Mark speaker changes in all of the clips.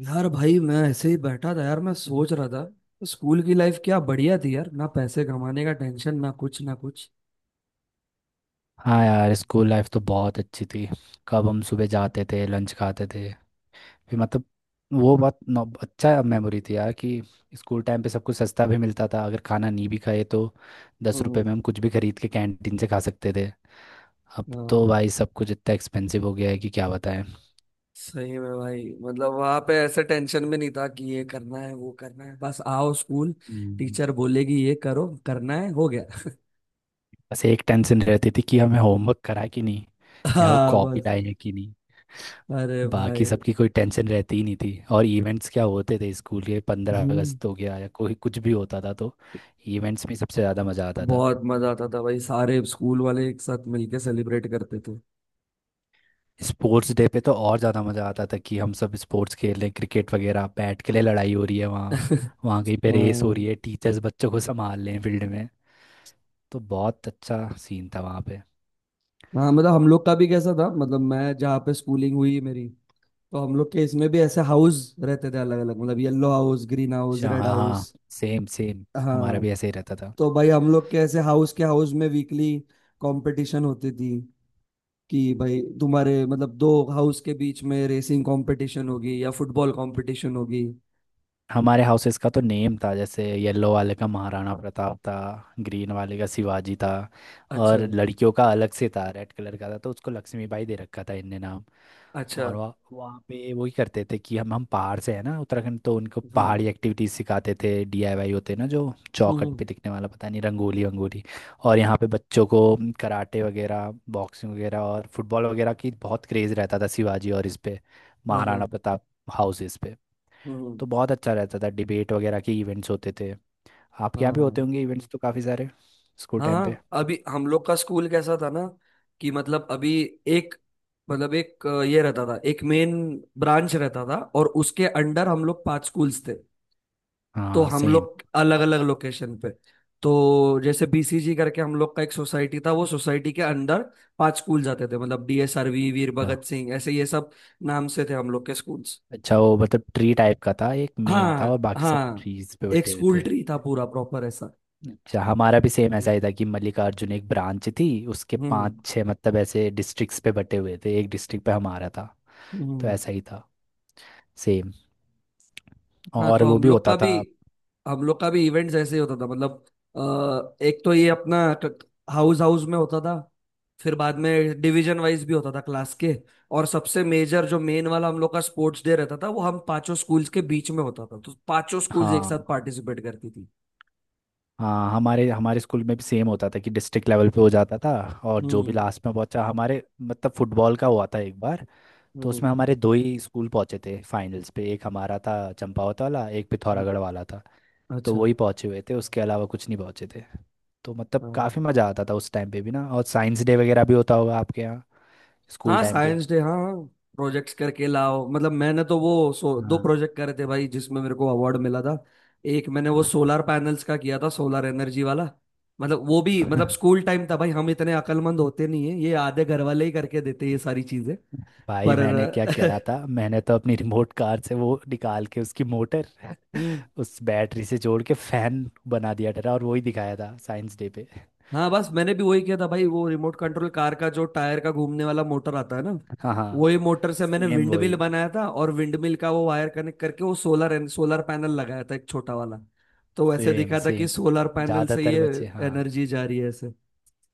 Speaker 1: यार भाई, मैं ऐसे ही बैठा था यार। मैं सोच रहा था स्कूल की लाइफ क्या बढ़िया थी यार। ना पैसे कमाने का टेंशन, ना कुछ ना कुछ।
Speaker 2: हाँ यार, स्कूल लाइफ तो बहुत अच्छी थी। कब हम सुबह जाते थे, लंच खाते थे। फिर मतलब वो बहुत अच्छा मेमोरी थी यार, कि स्कूल टाइम पे सब कुछ सस्ता भी मिलता था। अगर खाना नहीं भी खाए तो 10 रुपए में
Speaker 1: हम्म।
Speaker 2: हम कुछ भी खरीद के कैंटीन से खा सकते थे। अब तो
Speaker 1: हाँ,
Speaker 2: भाई सब कुछ इतना एक्सपेंसिव हो गया है कि क्या बताएं।
Speaker 1: सही में भाई, मतलब वहां पे ऐसे टेंशन भी नहीं था कि ये करना है वो करना है, बस आओ स्कूल।
Speaker 2: हम्म।
Speaker 1: टीचर बोलेगी ये करो, करना है हो गया।
Speaker 2: बस एक टेंशन रहती थी कि हमें होमवर्क करा कि नहीं, या वो
Speaker 1: हाँ,
Speaker 2: कॉपी
Speaker 1: बस।
Speaker 2: लाए हैं कि।
Speaker 1: अरे
Speaker 2: बाकी
Speaker 1: भाई।
Speaker 2: सबकी कोई टेंशन रहती ही नहीं थी। और इवेंट्स क्या होते थे स्कूल के, पंद्रह
Speaker 1: हम्म।
Speaker 2: अगस्त हो गया या कोई कुछ भी होता था तो इवेंट्स में सबसे ज़्यादा मज़ा आता था।
Speaker 1: बहुत मजा आता था भाई। सारे स्कूल वाले एक साथ मिलके सेलिब्रेट करते थे।
Speaker 2: स्पोर्ट्स डे पे तो और ज़्यादा मज़ा आता था कि हम सब स्पोर्ट्स खेल रहे हैं, क्रिकेट वगैरह, बैट के लिए लड़ाई हो रही है वहाँ। वहाँ कहीं पे रेस हो रही
Speaker 1: हाँ
Speaker 2: है, टीचर्स बच्चों को संभाल रहे हैं फील्ड में। तो बहुत अच्छा सीन था वहाँ पे।
Speaker 1: हाँ, मतलब हम लोग का भी कैसा था, मतलब मैं जहाँ पे स्कूलिंग हुई मेरी। तो हम लोग के इसमें भी ऐसे हाउस रहते थे अलग अलग। मतलब येलो हाउस, ग्रीन हाउस,
Speaker 2: अच्छा,
Speaker 1: रेड
Speaker 2: हाँ
Speaker 1: हाउस।
Speaker 2: हाँ। Same same. हमारा
Speaker 1: हाँ।
Speaker 2: भी ऐसे ही रहता था।
Speaker 1: तो भाई हम लोग के ऐसे हाउस के हाउस में वीकली कंपटीशन होती थी, कि भाई तुम्हारे मतलब दो हाउस के बीच में रेसिंग कंपटीशन होगी या फुटबॉल कंपटीशन होगी।
Speaker 2: हमारे हाउसेस का तो नेम था, जैसे येलो वाले का महाराणा प्रताप था, ग्रीन वाले का शिवाजी था।
Speaker 1: अच्छा।
Speaker 2: और लड़कियों का अलग से था, रेड कलर का था, तो उसको लक्ष्मीबाई दे रखा था इनने नाम।
Speaker 1: अच्छा।
Speaker 2: और वहाँ वहाँ पे वही करते थे कि हम पहाड़ से है ना, उत्तराखंड, तो उनको
Speaker 1: हम्म।
Speaker 2: पहाड़ी एक्टिविटीज सिखाते थे। डीआईवाई होते हैं ना, जो
Speaker 1: हम्म।
Speaker 2: चौखट पे दिखने वाला, पता नहीं, रंगोली वंगोली। और यहाँ पे बच्चों को कराटे वगैरह, बॉक्सिंग वगैरह और फुटबॉल वगैरह की बहुत क्रेज रहता था शिवाजी और इस पे
Speaker 1: हाँ हाँ।
Speaker 2: महाराणा प्रताप हाउसेस पे।
Speaker 1: हम्म।
Speaker 2: तो बहुत अच्छा रहता था। डिबेट वगैरह के इवेंट्स होते थे। आपके यहाँ
Speaker 1: हाँ
Speaker 2: भी
Speaker 1: हाँ।
Speaker 2: होते होंगे इवेंट्स तो काफ़ी सारे स्कूल
Speaker 1: हाँ
Speaker 2: टाइम पे।
Speaker 1: हाँ, अभी हम लोग का स्कूल कैसा था ना, कि मतलब अभी एक मतलब एक अ, ये रहता था एक मेन ब्रांच रहता था, और उसके अंडर हम लोग पांच स्कूल्स थे। तो
Speaker 2: हाँ
Speaker 1: हम
Speaker 2: सेम।
Speaker 1: लोग अलग अलग लोकेशन पे। तो जैसे बीसीजी करके हम लोग का एक सोसाइटी था, वो सोसाइटी के अंडर पांच स्कूल जाते थे, मतलब डीएसआरवी, वीर भगत सिंह, ऐसे ये सब नाम से थे हम लोग के स्कूल्स।
Speaker 2: अच्छा, वो मतलब ट्री टाइप का था, एक मेन था और
Speaker 1: हाँ
Speaker 2: बाकी सब
Speaker 1: हाँ।
Speaker 2: ट्रीज पे
Speaker 1: एक
Speaker 2: बैठे हुए
Speaker 1: स्कूल
Speaker 2: थे।
Speaker 1: ट्री था पूरा प्रॉपर ऐसा।
Speaker 2: अच्छा, हमारा भी सेम ऐसा
Speaker 1: हम्म।
Speaker 2: ही था कि मल्लिकार्जुन एक ब्रांच थी, उसके पांच
Speaker 1: हम्म।
Speaker 2: छह मतलब ऐसे डिस्ट्रिक्ट्स पे बटे हुए थे, एक डिस्ट्रिक्ट पे हमारा था। तो
Speaker 1: हम्म।
Speaker 2: ऐसा ही था। सेम।
Speaker 1: हाँ,
Speaker 2: और
Speaker 1: तो
Speaker 2: वो
Speaker 1: हम
Speaker 2: भी
Speaker 1: लोग
Speaker 2: होता
Speaker 1: का भी
Speaker 2: था।
Speaker 1: हम लोग का भी इवेंट्स ऐसे ही होता था, मतलब एक तो ये अपना हाउस हाउस में होता था। फिर बाद में डिवीजन वाइज भी होता था क्लास के। और सबसे मेजर जो मेन वाला हम लोग का स्पोर्ट्स डे रहता था, वो हम पांचों स्कूल्स के बीच में होता था, तो पांचों स्कूल्स एक
Speaker 2: हाँ
Speaker 1: साथ पार्टिसिपेट करती थी।
Speaker 2: हाँ, हमारे हमारे स्कूल में भी सेम होता था कि डिस्ट्रिक्ट लेवल पे हो जाता था। और जो भी
Speaker 1: हम्म।
Speaker 2: लास्ट में पहुंचा, हमारे मतलब फुटबॉल का हुआ था एक बार, तो
Speaker 1: हम्म।
Speaker 2: उसमें हमारे दो ही स्कूल पहुंचे थे फाइनल्स पे, एक हमारा था चंपावत वाला, एक
Speaker 1: हम्म,
Speaker 2: पिथौरागढ़ वाला था। तो
Speaker 1: अच्छा।
Speaker 2: वही पहुंचे हुए थे, उसके अलावा कुछ नहीं पहुंचे थे। तो मतलब
Speaker 1: हाँ
Speaker 2: काफ़ी मज़ा आता था उस टाइम पे भी ना। और साइंस डे वगैरह भी होता होगा आपके यहाँ स्कूल
Speaker 1: हाँ,
Speaker 2: टाइम पे।
Speaker 1: Science day. हाँ। प्रोजेक्ट्स करके लाओ, मतलब मैंने तो वो दो
Speaker 2: हाँ।
Speaker 1: प्रोजेक्ट करे थे भाई, जिसमें मेरे को अवार्ड मिला था। एक मैंने वो सोलर पैनल्स का किया था, सोलर एनर्जी वाला। मतलब वो भी, मतलब स्कूल टाइम था भाई, हम इतने अकलमंद होते नहीं है, ये आधे घर वाले ही करके देते ये सारी चीजें।
Speaker 2: भाई मैंने क्या करा
Speaker 1: पर
Speaker 2: था, मैंने तो अपनी रिमोट कार से वो निकाल के उसकी मोटर
Speaker 1: हम्म।
Speaker 2: उस बैटरी से जोड़ के फैन बना दिया था और वही दिखाया था साइंस डे पे।
Speaker 1: हाँ, बस मैंने भी वही किया था भाई, वो रिमोट कंट्रोल कार का जो टायर का घूमने वाला मोटर आता है ना।
Speaker 2: हाँ हाँ,
Speaker 1: वही मोटर से मैंने
Speaker 2: सेम
Speaker 1: विंड
Speaker 2: वही।
Speaker 1: मिल बनाया था, और विंड मिल का वो वायर कनेक्ट करके वो सोलर सोलर पैनल लगाया था, एक छोटा वाला। तो वैसे
Speaker 2: सेम
Speaker 1: दिखा था कि
Speaker 2: सेम,
Speaker 1: सोलर पैनल से
Speaker 2: ज्यादातर
Speaker 1: ये
Speaker 2: बच्चे, हाँ
Speaker 1: एनर्जी जा रही है ऐसे।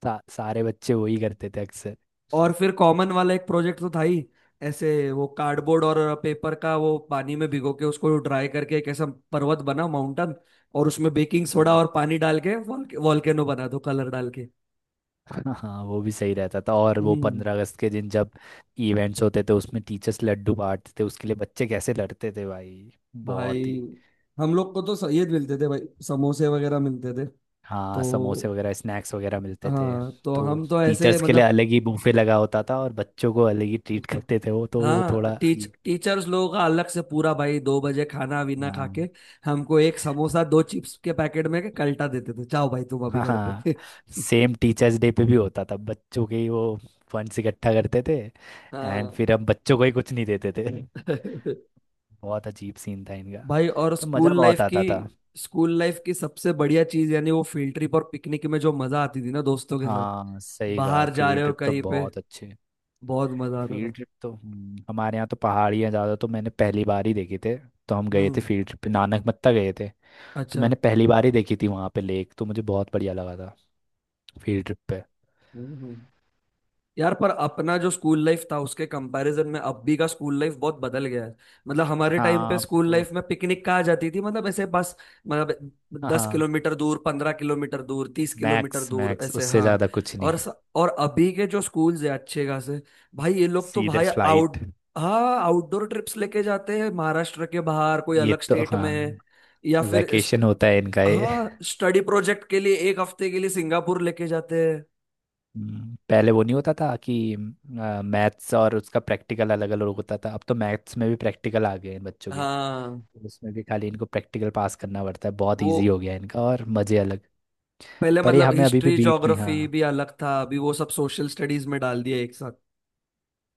Speaker 2: सारे बच्चे वही करते थे अक्सर।
Speaker 1: और फिर कॉमन वाला एक प्रोजेक्ट तो था ही। ऐसे वो कार्डबोर्ड और पेपर का, वो पानी में भिगो के उसको ड्राई करके एक ऐसा पर्वत बना, माउंटेन। और उसमें बेकिंग सोडा
Speaker 2: हम्म।
Speaker 1: और पानी डाल के वॉल्केनो बना दो, कलर डाल के।
Speaker 2: हाँ हाँ, वो भी सही रहता था। और वो
Speaker 1: हम्म।
Speaker 2: 15 अगस्त के दिन जब इवेंट्स होते थे उसमें टीचर्स लड्डू बांटते थे, उसके लिए बच्चे कैसे लड़ते थे भाई, बहुत
Speaker 1: भाई,
Speaker 2: ही।
Speaker 1: हम लोग को तो ये मिलते थे भाई, समोसे वगैरह मिलते थे।
Speaker 2: हाँ,
Speaker 1: तो,
Speaker 2: समोसे वगैरह, स्नैक्स वगैरह मिलते थे।
Speaker 1: हाँ, तो
Speaker 2: तो
Speaker 1: हम तो ऐसे,
Speaker 2: टीचर्स के लिए
Speaker 1: मतलब।
Speaker 2: अलग ही बुफे लगा होता था और बच्चों को अलग ही ट्रीट करते थे वो, तो वो
Speaker 1: हाँ,
Speaker 2: थोड़ा
Speaker 1: टीच
Speaker 2: अजीब।
Speaker 1: टीचर्स लोगों का अलग से पूरा भाई, 2 बजे खाना वीना खा
Speaker 2: हाँ
Speaker 1: के। हमको एक समोसा, दो चिप्स के पैकेट में के कल्टा देते थे, जाओ भाई तुम अभी घर पे।
Speaker 2: हाँ। सेम टीचर्स डे पे भी होता था, बच्चों के ही वो फंड्स इकट्ठा करते थे, एंड
Speaker 1: हाँ।
Speaker 2: फिर हम बच्चों को ही कुछ नहीं देते थे। बहुत अजीब सीन था इनका।
Speaker 1: भाई, और
Speaker 2: पर मज़ा
Speaker 1: स्कूल
Speaker 2: बहुत
Speaker 1: लाइफ की
Speaker 2: आता था।
Speaker 1: स्कूल लाइफ की सबसे बढ़िया चीज यानी वो फील्ड ट्रिप और पिकनिक में जो मजा आती थी ना, दोस्तों के साथ।
Speaker 2: हाँ सही कहा,
Speaker 1: बाहर जा
Speaker 2: फील्ड
Speaker 1: रहे हो
Speaker 2: ट्रिप तो
Speaker 1: कहीं पे।
Speaker 2: बहुत अच्छे।
Speaker 1: बहुत मजा आता
Speaker 2: फील्ड
Speaker 1: था।
Speaker 2: ट्रिप तो हमारे यहाँ तो पहाड़ियाँ ज़्यादा, तो मैंने पहली बार ही देखे थे। तो हम गए थे
Speaker 1: हम्म।
Speaker 2: फील्ड ट्रिप पे, नानक मत्ता गए थे। तो
Speaker 1: अच्छा।
Speaker 2: मैंने पहली बार ही देखी थी वहाँ पे लेक, तो मुझे बहुत बढ़िया लगा था फील्ड ट्रिप पे।
Speaker 1: हम्म। यार, पर अपना जो स्कूल लाइफ था, उसके कंपैरिजन में अभी का स्कूल लाइफ बहुत बदल गया है। मतलब हमारे टाइम
Speaker 2: हाँ
Speaker 1: पे
Speaker 2: अब
Speaker 1: स्कूल
Speaker 2: तो,
Speaker 1: लाइफ में पिकनिक कहाँ जाती थी, मतलब ऐसे बस। मतलब दस
Speaker 2: हाँ,
Speaker 1: किलोमीटर दूर, 15 किलोमीटर दूर, 30 किलोमीटर
Speaker 2: मैक्स
Speaker 1: दूर,
Speaker 2: मैक्स
Speaker 1: ऐसे।
Speaker 2: उससे
Speaker 1: हाँ।
Speaker 2: ज़्यादा कुछ नहीं।
Speaker 1: और स, और अभी के जो स्कूल्स है अच्छे खासे। भाई, ये लोग तो
Speaker 2: सीधे
Speaker 1: भाई
Speaker 2: फ्लाइट।
Speaker 1: आउट हाँ, आउटडोर ट्रिप्स लेके जाते हैं, महाराष्ट्र के बाहर कोई
Speaker 2: ये
Speaker 1: अलग
Speaker 2: तो
Speaker 1: स्टेट
Speaker 2: हाँ,
Speaker 1: में। या फिर
Speaker 2: वैकेशन होता है इनका ये।
Speaker 1: हाँ, स्टडी प्रोजेक्ट के लिए एक हफ्ते के लिए सिंगापुर लेके जाते हैं।
Speaker 2: पहले वो नहीं होता था कि मैथ्स और उसका प्रैक्टिकल अलग अलग होता था, अब तो मैथ्स में भी प्रैक्टिकल आ गए हैं बच्चों के।
Speaker 1: हाँ।
Speaker 2: तो उसमें भी खाली इनको प्रैक्टिकल पास करना पड़ता है, बहुत
Speaker 1: वो
Speaker 2: इजी हो गया है इनका और मज़े अलग।
Speaker 1: पहले
Speaker 2: पर ये
Speaker 1: मतलब
Speaker 2: हमें अभी भी
Speaker 1: हिस्ट्री
Speaker 2: बीट नहीं,
Speaker 1: ज्योग्राफी
Speaker 2: हाँ।
Speaker 1: भी अलग था, अभी वो सब सोशल स्टडीज में डाल दिया एक साथ।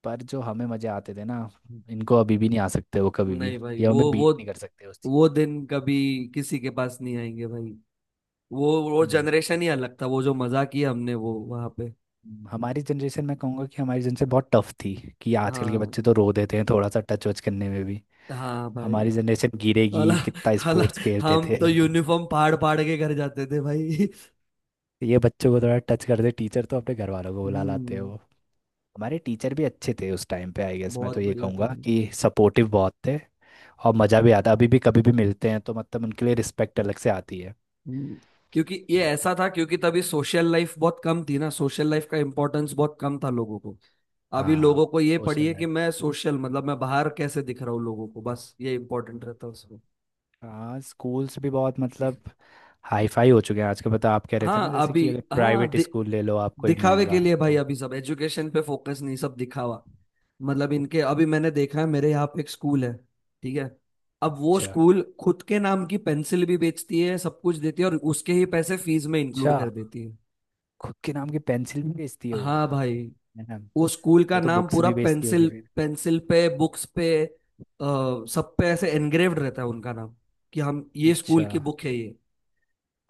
Speaker 2: पर जो हमें मज़े आते थे ना, इनको अभी भी नहीं आ सकते वो कभी भी।
Speaker 1: नहीं भाई,
Speaker 2: ये हमें
Speaker 1: वो
Speaker 2: बीट
Speaker 1: वो
Speaker 2: नहीं कर सकते उस चीज़।
Speaker 1: वो दिन कभी किसी के पास नहीं आएंगे भाई। वो
Speaker 2: हम्म,
Speaker 1: जनरेशन ही अलग था, वो जो मजा किया हमने वो वहां पे।
Speaker 2: हमारी जनरेशन, मैं कहूँगा कि हमारी जनरेशन बहुत टफ थी। कि आजकल के
Speaker 1: हाँ
Speaker 2: बच्चे तो रो देते हैं थोड़ा सा टच वच करने में भी।
Speaker 1: हाँ भाई।
Speaker 2: हमारी जनरेशन
Speaker 1: हाला।
Speaker 2: गिरेगी, कितना
Speaker 1: हाला।
Speaker 2: स्पोर्ट्स खेलते
Speaker 1: हम
Speaker 2: थे।
Speaker 1: तो यूनिफॉर्म फाड़ फाड़ के घर जाते थे भाई।
Speaker 2: ये बच्चों को थोड़ा टच कर दे टीचर तो अपने घर वालों को बुला लाते हैं
Speaker 1: हम्म।
Speaker 2: वो। हमारे टीचर भी अच्छे थे उस टाइम पे, आई गेस, मैं तो
Speaker 1: बहुत
Speaker 2: ये
Speaker 1: बढ़िया था।
Speaker 2: कहूँगा कि सपोर्टिव बहुत थे। और मज़ा भी आता, अभी भी कभी भी मिलते हैं तो मतलब उनके लिए रिस्पेक्ट अलग से आती है।
Speaker 1: हम्म, क्योंकि ये ऐसा था, क्योंकि तभी सोशल लाइफ बहुत कम थी ना, सोशल लाइफ का इम्पोर्टेंस बहुत कम था लोगों को। अभी
Speaker 2: हाँ,
Speaker 1: लोगों को ये
Speaker 2: सोशल
Speaker 1: पढ़िए कि
Speaker 2: लाइफ,
Speaker 1: मैं सोशल, मतलब मैं बाहर कैसे दिख रहा हूँ लोगों को, बस ये इम्पोर्टेंट रहता है उसमें।
Speaker 2: हाँ, स्कूल्स भी बहुत मतलब हाई फाई हो चुके हैं आजकल, पता आप कह रहे थे ना,
Speaker 1: हाँ,
Speaker 2: जैसे
Speaker 1: अभी।
Speaker 2: कि अगर
Speaker 1: हाँ,
Speaker 2: प्राइवेट स्कूल ले लो आप कोई
Speaker 1: दिखावे के
Speaker 2: महंगा
Speaker 1: लिए भाई,
Speaker 2: तो।
Speaker 1: अभी सब एजुकेशन पे फोकस नहीं, सब दिखावा। मतलब इनके अभी मैंने देखा है, मेरे यहाँ पे एक स्कूल है। ठीक है। अब वो
Speaker 2: अच्छा,
Speaker 1: स्कूल खुद के नाम की पेंसिल भी बेचती है, सब कुछ देती है और उसके ही पैसे फीस में
Speaker 2: अच्छा।
Speaker 1: इंक्लूड कर देती है।
Speaker 2: खुद के नाम की पेंसिल भी बेचती है वो,
Speaker 1: हाँ भाई,
Speaker 2: है ना।
Speaker 1: वो स्कूल का
Speaker 2: वो तो
Speaker 1: नाम
Speaker 2: बुक्स
Speaker 1: पूरा
Speaker 2: भी बेचती होगी।
Speaker 1: पेंसिल। पेंसिल पे, बुक्स पे, सब पे ऐसे एनग्रेव्ड रहता है उनका नाम। कि हम ये स्कूल
Speaker 2: अच्छा,
Speaker 1: की बुक है ये।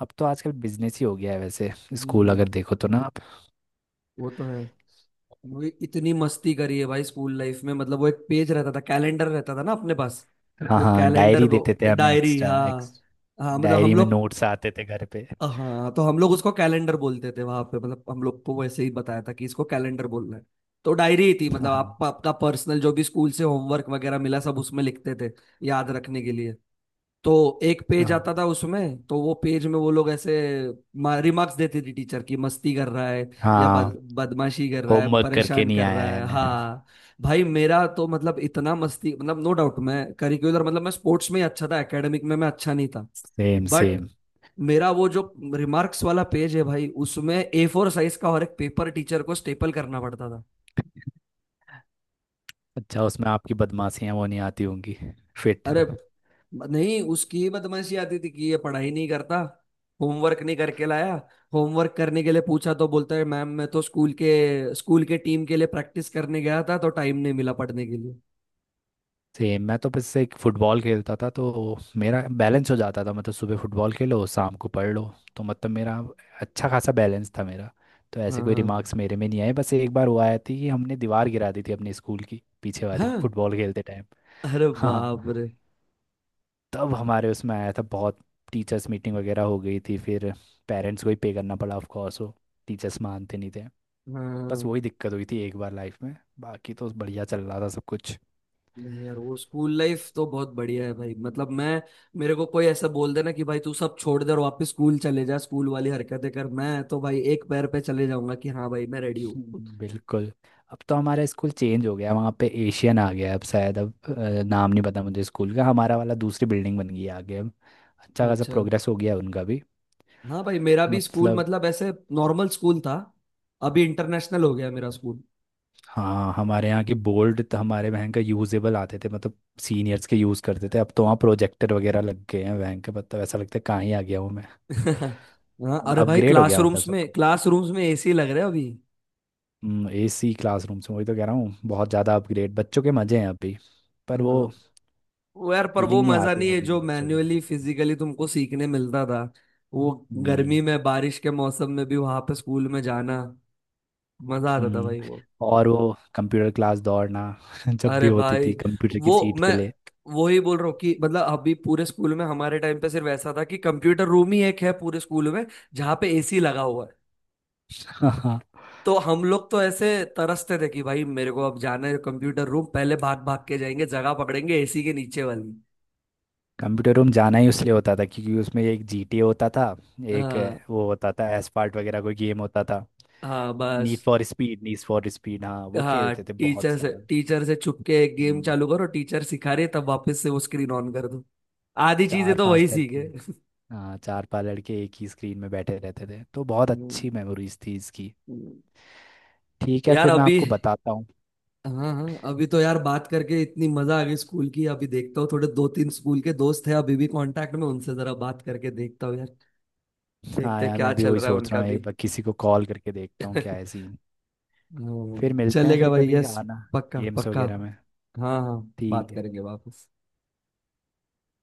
Speaker 2: अब तो आजकल बिजनेस ही हो गया है वैसे
Speaker 1: हम्म।
Speaker 2: स्कूल, अगर देखो तो ना आप।
Speaker 1: वो तो है। वो इतनी मस्ती करी है भाई स्कूल लाइफ में। मतलब वो एक पेज रहता था, कैलेंडर रहता था ना अपने पास।
Speaker 2: हाँ
Speaker 1: वो
Speaker 2: हाँ,
Speaker 1: कैलेंडर,
Speaker 2: डायरी
Speaker 1: वो
Speaker 2: देते थे हमें
Speaker 1: डायरी।
Speaker 2: एक्स्ट्रा।
Speaker 1: हाँ
Speaker 2: एक्स
Speaker 1: हाँ, मतलब
Speaker 2: डायरी
Speaker 1: हम
Speaker 2: में
Speaker 1: लोग।
Speaker 2: नोट्स आते थे घर पे।
Speaker 1: हाँ, तो हम लोग उसको कैलेंडर बोलते थे वहां पे। मतलब हम लोग को वैसे ही बताया था कि इसको कैलेंडर बोलना है। तो डायरी ही थी, मतलब
Speaker 2: हाँ
Speaker 1: आप आपका पर्सनल जो भी स्कूल से होमवर्क वगैरह मिला, सब उसमें लिखते थे। याद रखने के लिए। तो एक पेज
Speaker 2: हाँ
Speaker 1: आता था उसमें, तो वो पेज में वो लोग ऐसे रिमार्क्स देते थे, टीचर की मस्ती कर रहा है। या
Speaker 2: हाँ,
Speaker 1: बदमाशी कर रहा है,
Speaker 2: होमवर्क करके
Speaker 1: परेशान
Speaker 2: नहीं
Speaker 1: कर
Speaker 2: आया
Speaker 1: रहा
Speaker 2: है
Speaker 1: है।
Speaker 2: मैं।
Speaker 1: हाँ। भाई, मेरा तो मतलब इतना मस्ती, मतलब नो डाउट, मैं करिकुलर, मतलब मैं स्पोर्ट्स में ही अच्छा था, एकेडमिक में मैं अच्छा नहीं था।
Speaker 2: Same
Speaker 1: but
Speaker 2: same.
Speaker 1: मेरा वो जो रिमार्क्स वाला पेज है भाई, उसमें A4 साइज का और एक पेपर टीचर को स्टेपल करना पड़ता था।
Speaker 2: अच्छा, उसमें आपकी बदमाशियां वो नहीं आती होंगी। फिट।
Speaker 1: अरे नहीं, उसकी ही बदमाशी आती थी कि ये पढ़ाई नहीं करता। होमवर्क नहीं करके लाया। होमवर्क करने के लिए पूछा तो बोलता है मैम, मैं तो स्कूल के टीम के लिए प्रैक्टिस करने गया था, तो टाइम नहीं मिला पढ़ने के लिए।
Speaker 2: सेम, मैं तो बस एक फुटबॉल खेलता था तो मेरा बैलेंस हो जाता था, मतलब सुबह फुटबॉल खेलो, शाम को पढ़ लो। तो मतलब मेरा अच्छा खासा बैलेंस था मेरा। तो ऐसे
Speaker 1: हाँ
Speaker 2: कोई
Speaker 1: हाँ।
Speaker 2: रिमार्क्स मेरे में नहीं आए। बस एक बार हुआ आया थी कि हमने दीवार गिरा दी थी अपने स्कूल की पीछे वाली,
Speaker 1: हाँ,
Speaker 2: फुटबॉल खेलते टाइम।
Speaker 1: अरे
Speaker 2: हाँ,
Speaker 1: बाप रे।
Speaker 2: तब हमारे उसमें आया था बहुत। टीचर्स मीटिंग वगैरह हो गई थी फिर। पेरेंट्स को ही पे करना पड़ा ऑफ कोर्स, वो टीचर्स मानते नहीं थे। बस
Speaker 1: हाँ।
Speaker 2: वही दिक्कत हुई थी एक बार लाइफ में। बाकी तो बढ़िया चल रहा था सब कुछ।
Speaker 1: नहीं यार, वो स्कूल लाइफ तो बहुत बढ़िया है भाई, मतलब मैं। मेरे को कोई ऐसा बोल देना कि भाई तू सब छोड़ दे और वापस स्कूल चले जा, स्कूल वाली हरकतें कर, मैं तो भाई एक पैर पे चले जाऊंगा कि हाँ भाई मैं रेडी हूँ।
Speaker 2: बिल्कुल। अब तो हमारा स्कूल चेंज हो गया, वहाँ पे एशियन आ गया अब शायद, अब नाम नहीं पता मुझे स्कूल का। हमारा वाला दूसरी बिल्डिंग बन गई है आगे अब। अच्छा खासा
Speaker 1: अच्छा।
Speaker 2: प्रोग्रेस हो गया है उनका भी।
Speaker 1: हाँ भाई, मेरा
Speaker 2: तो
Speaker 1: भी स्कूल
Speaker 2: मतलब,
Speaker 1: मतलब ऐसे नॉर्मल स्कूल था। अभी इंटरनेशनल हो गया मेरा स्कूल।
Speaker 2: हाँ, हमारे यहाँ की बोर्ड तो हमारे वहाँ का यूजेबल आते थे, मतलब सीनियर्स के यूज़ करते थे। अब तो वहाँ प्रोजेक्टर वगैरह लग गए हैं वहाँ के, मतलब ऐसा लगता है कहाँ ही आ गया हूँ मैं।
Speaker 1: हाँ,
Speaker 2: मतलब
Speaker 1: अरे भाई,
Speaker 2: अपग्रेड हो गया, मतलब
Speaker 1: क्लासरूम्स
Speaker 2: सब
Speaker 1: में
Speaker 2: कुछ।
Speaker 1: क्लासरूम्स में एसी लग रहे हैं अभी।
Speaker 2: एसी क्लासरूम से वही तो कह रहा हूँ, बहुत ज़्यादा अपग्रेड, बच्चों के मज़े हैं अभी। पर
Speaker 1: हाँ।
Speaker 2: वो
Speaker 1: वो यार, पर वो
Speaker 2: फीलिंग नहीं
Speaker 1: मजा
Speaker 2: आती
Speaker 1: नहीं है
Speaker 2: होगी
Speaker 1: जो
Speaker 2: बच्चों को।
Speaker 1: मैन्युअली फिजिकली तुमको सीखने मिलता था। वो
Speaker 2: हम्म
Speaker 1: गर्मी में, बारिश के मौसम में भी वहां पे स्कूल में जाना मजा आता था
Speaker 2: हम्म,
Speaker 1: भाई वो।
Speaker 2: और वो कंप्यूटर क्लास दौड़ना जब भी
Speaker 1: अरे
Speaker 2: होती
Speaker 1: भाई,
Speaker 2: थी कंप्यूटर की
Speaker 1: वो
Speaker 2: सीट के
Speaker 1: मैं
Speaker 2: लिए।
Speaker 1: वही बोल रहा हूँ कि मतलब अभी पूरे स्कूल में, हमारे टाइम पे सिर्फ ऐसा था कि कंप्यूटर रूम ही एक है पूरे स्कूल में। जहाँ पे एसी लगा हुआ है।
Speaker 2: हाँ,
Speaker 1: तो हम लोग तो ऐसे तरसते थे कि भाई मेरे को अब जाना है कंप्यूटर रूम, पहले भाग भाग के जाएंगे, जगह पकड़ेंगे एसी के नीचे वाली।
Speaker 2: कंप्यूटर रूम जाना ही उसलिए होता था क्योंकि उसमें एक जीटीए होता था। एक
Speaker 1: हाँ
Speaker 2: वो होता था एसपार्ट वगैरह कोई गेम होता था।
Speaker 1: हाँ,
Speaker 2: नीड
Speaker 1: बस।
Speaker 2: For speed, need for speed, हाँ वो
Speaker 1: हाँ,
Speaker 2: खेलते थे बहुत
Speaker 1: टीचर से
Speaker 2: सारा।
Speaker 1: टीचर से छुप के एक गेम
Speaker 2: हम्म,
Speaker 1: चालू करो, टीचर सिखा रही है, तब वापस से वो स्क्रीन ऑन कर दो। आधी चीजें
Speaker 2: चार
Speaker 1: तो वही
Speaker 2: पांच लड़के,
Speaker 1: सीखे।
Speaker 2: हाँ चार पांच लड़के एक ही स्क्रीन में बैठे रहते थे। तो बहुत
Speaker 1: हम्म।
Speaker 2: अच्छी मेमोरीज थी इसकी।
Speaker 1: हम्म।
Speaker 2: ठीक है,
Speaker 1: यार,
Speaker 2: फिर मैं
Speaker 1: अभी।
Speaker 2: आपको बताता हूँ।
Speaker 1: हाँ हाँ, अभी तो यार बात करके इतनी मजा आ गई स्कूल की। अभी देखता हूँ, थोड़े दो तीन स्कूल के दोस्त हैं अभी भी कांटेक्ट में, उनसे जरा बात करके देखता हूँ यार।
Speaker 2: हाँ
Speaker 1: देखते हैं
Speaker 2: यार,
Speaker 1: क्या
Speaker 2: मैं भी
Speaker 1: चल
Speaker 2: वही
Speaker 1: रहा है
Speaker 2: सोच रहा
Speaker 1: उनका
Speaker 2: हूँ,
Speaker 1: भी।
Speaker 2: एक बार किसी को कॉल करके देखता हूँ क्या है सीन। फिर मिलते हैं,
Speaker 1: चलेगा
Speaker 2: फिर
Speaker 1: भाई।
Speaker 2: कभी
Speaker 1: यस।
Speaker 2: आना
Speaker 1: पक्का
Speaker 2: गेम्स
Speaker 1: पक्का।
Speaker 2: वगैरह में।
Speaker 1: हाँ हाँ, बात
Speaker 2: ठीक है।
Speaker 1: करेंगे वापस।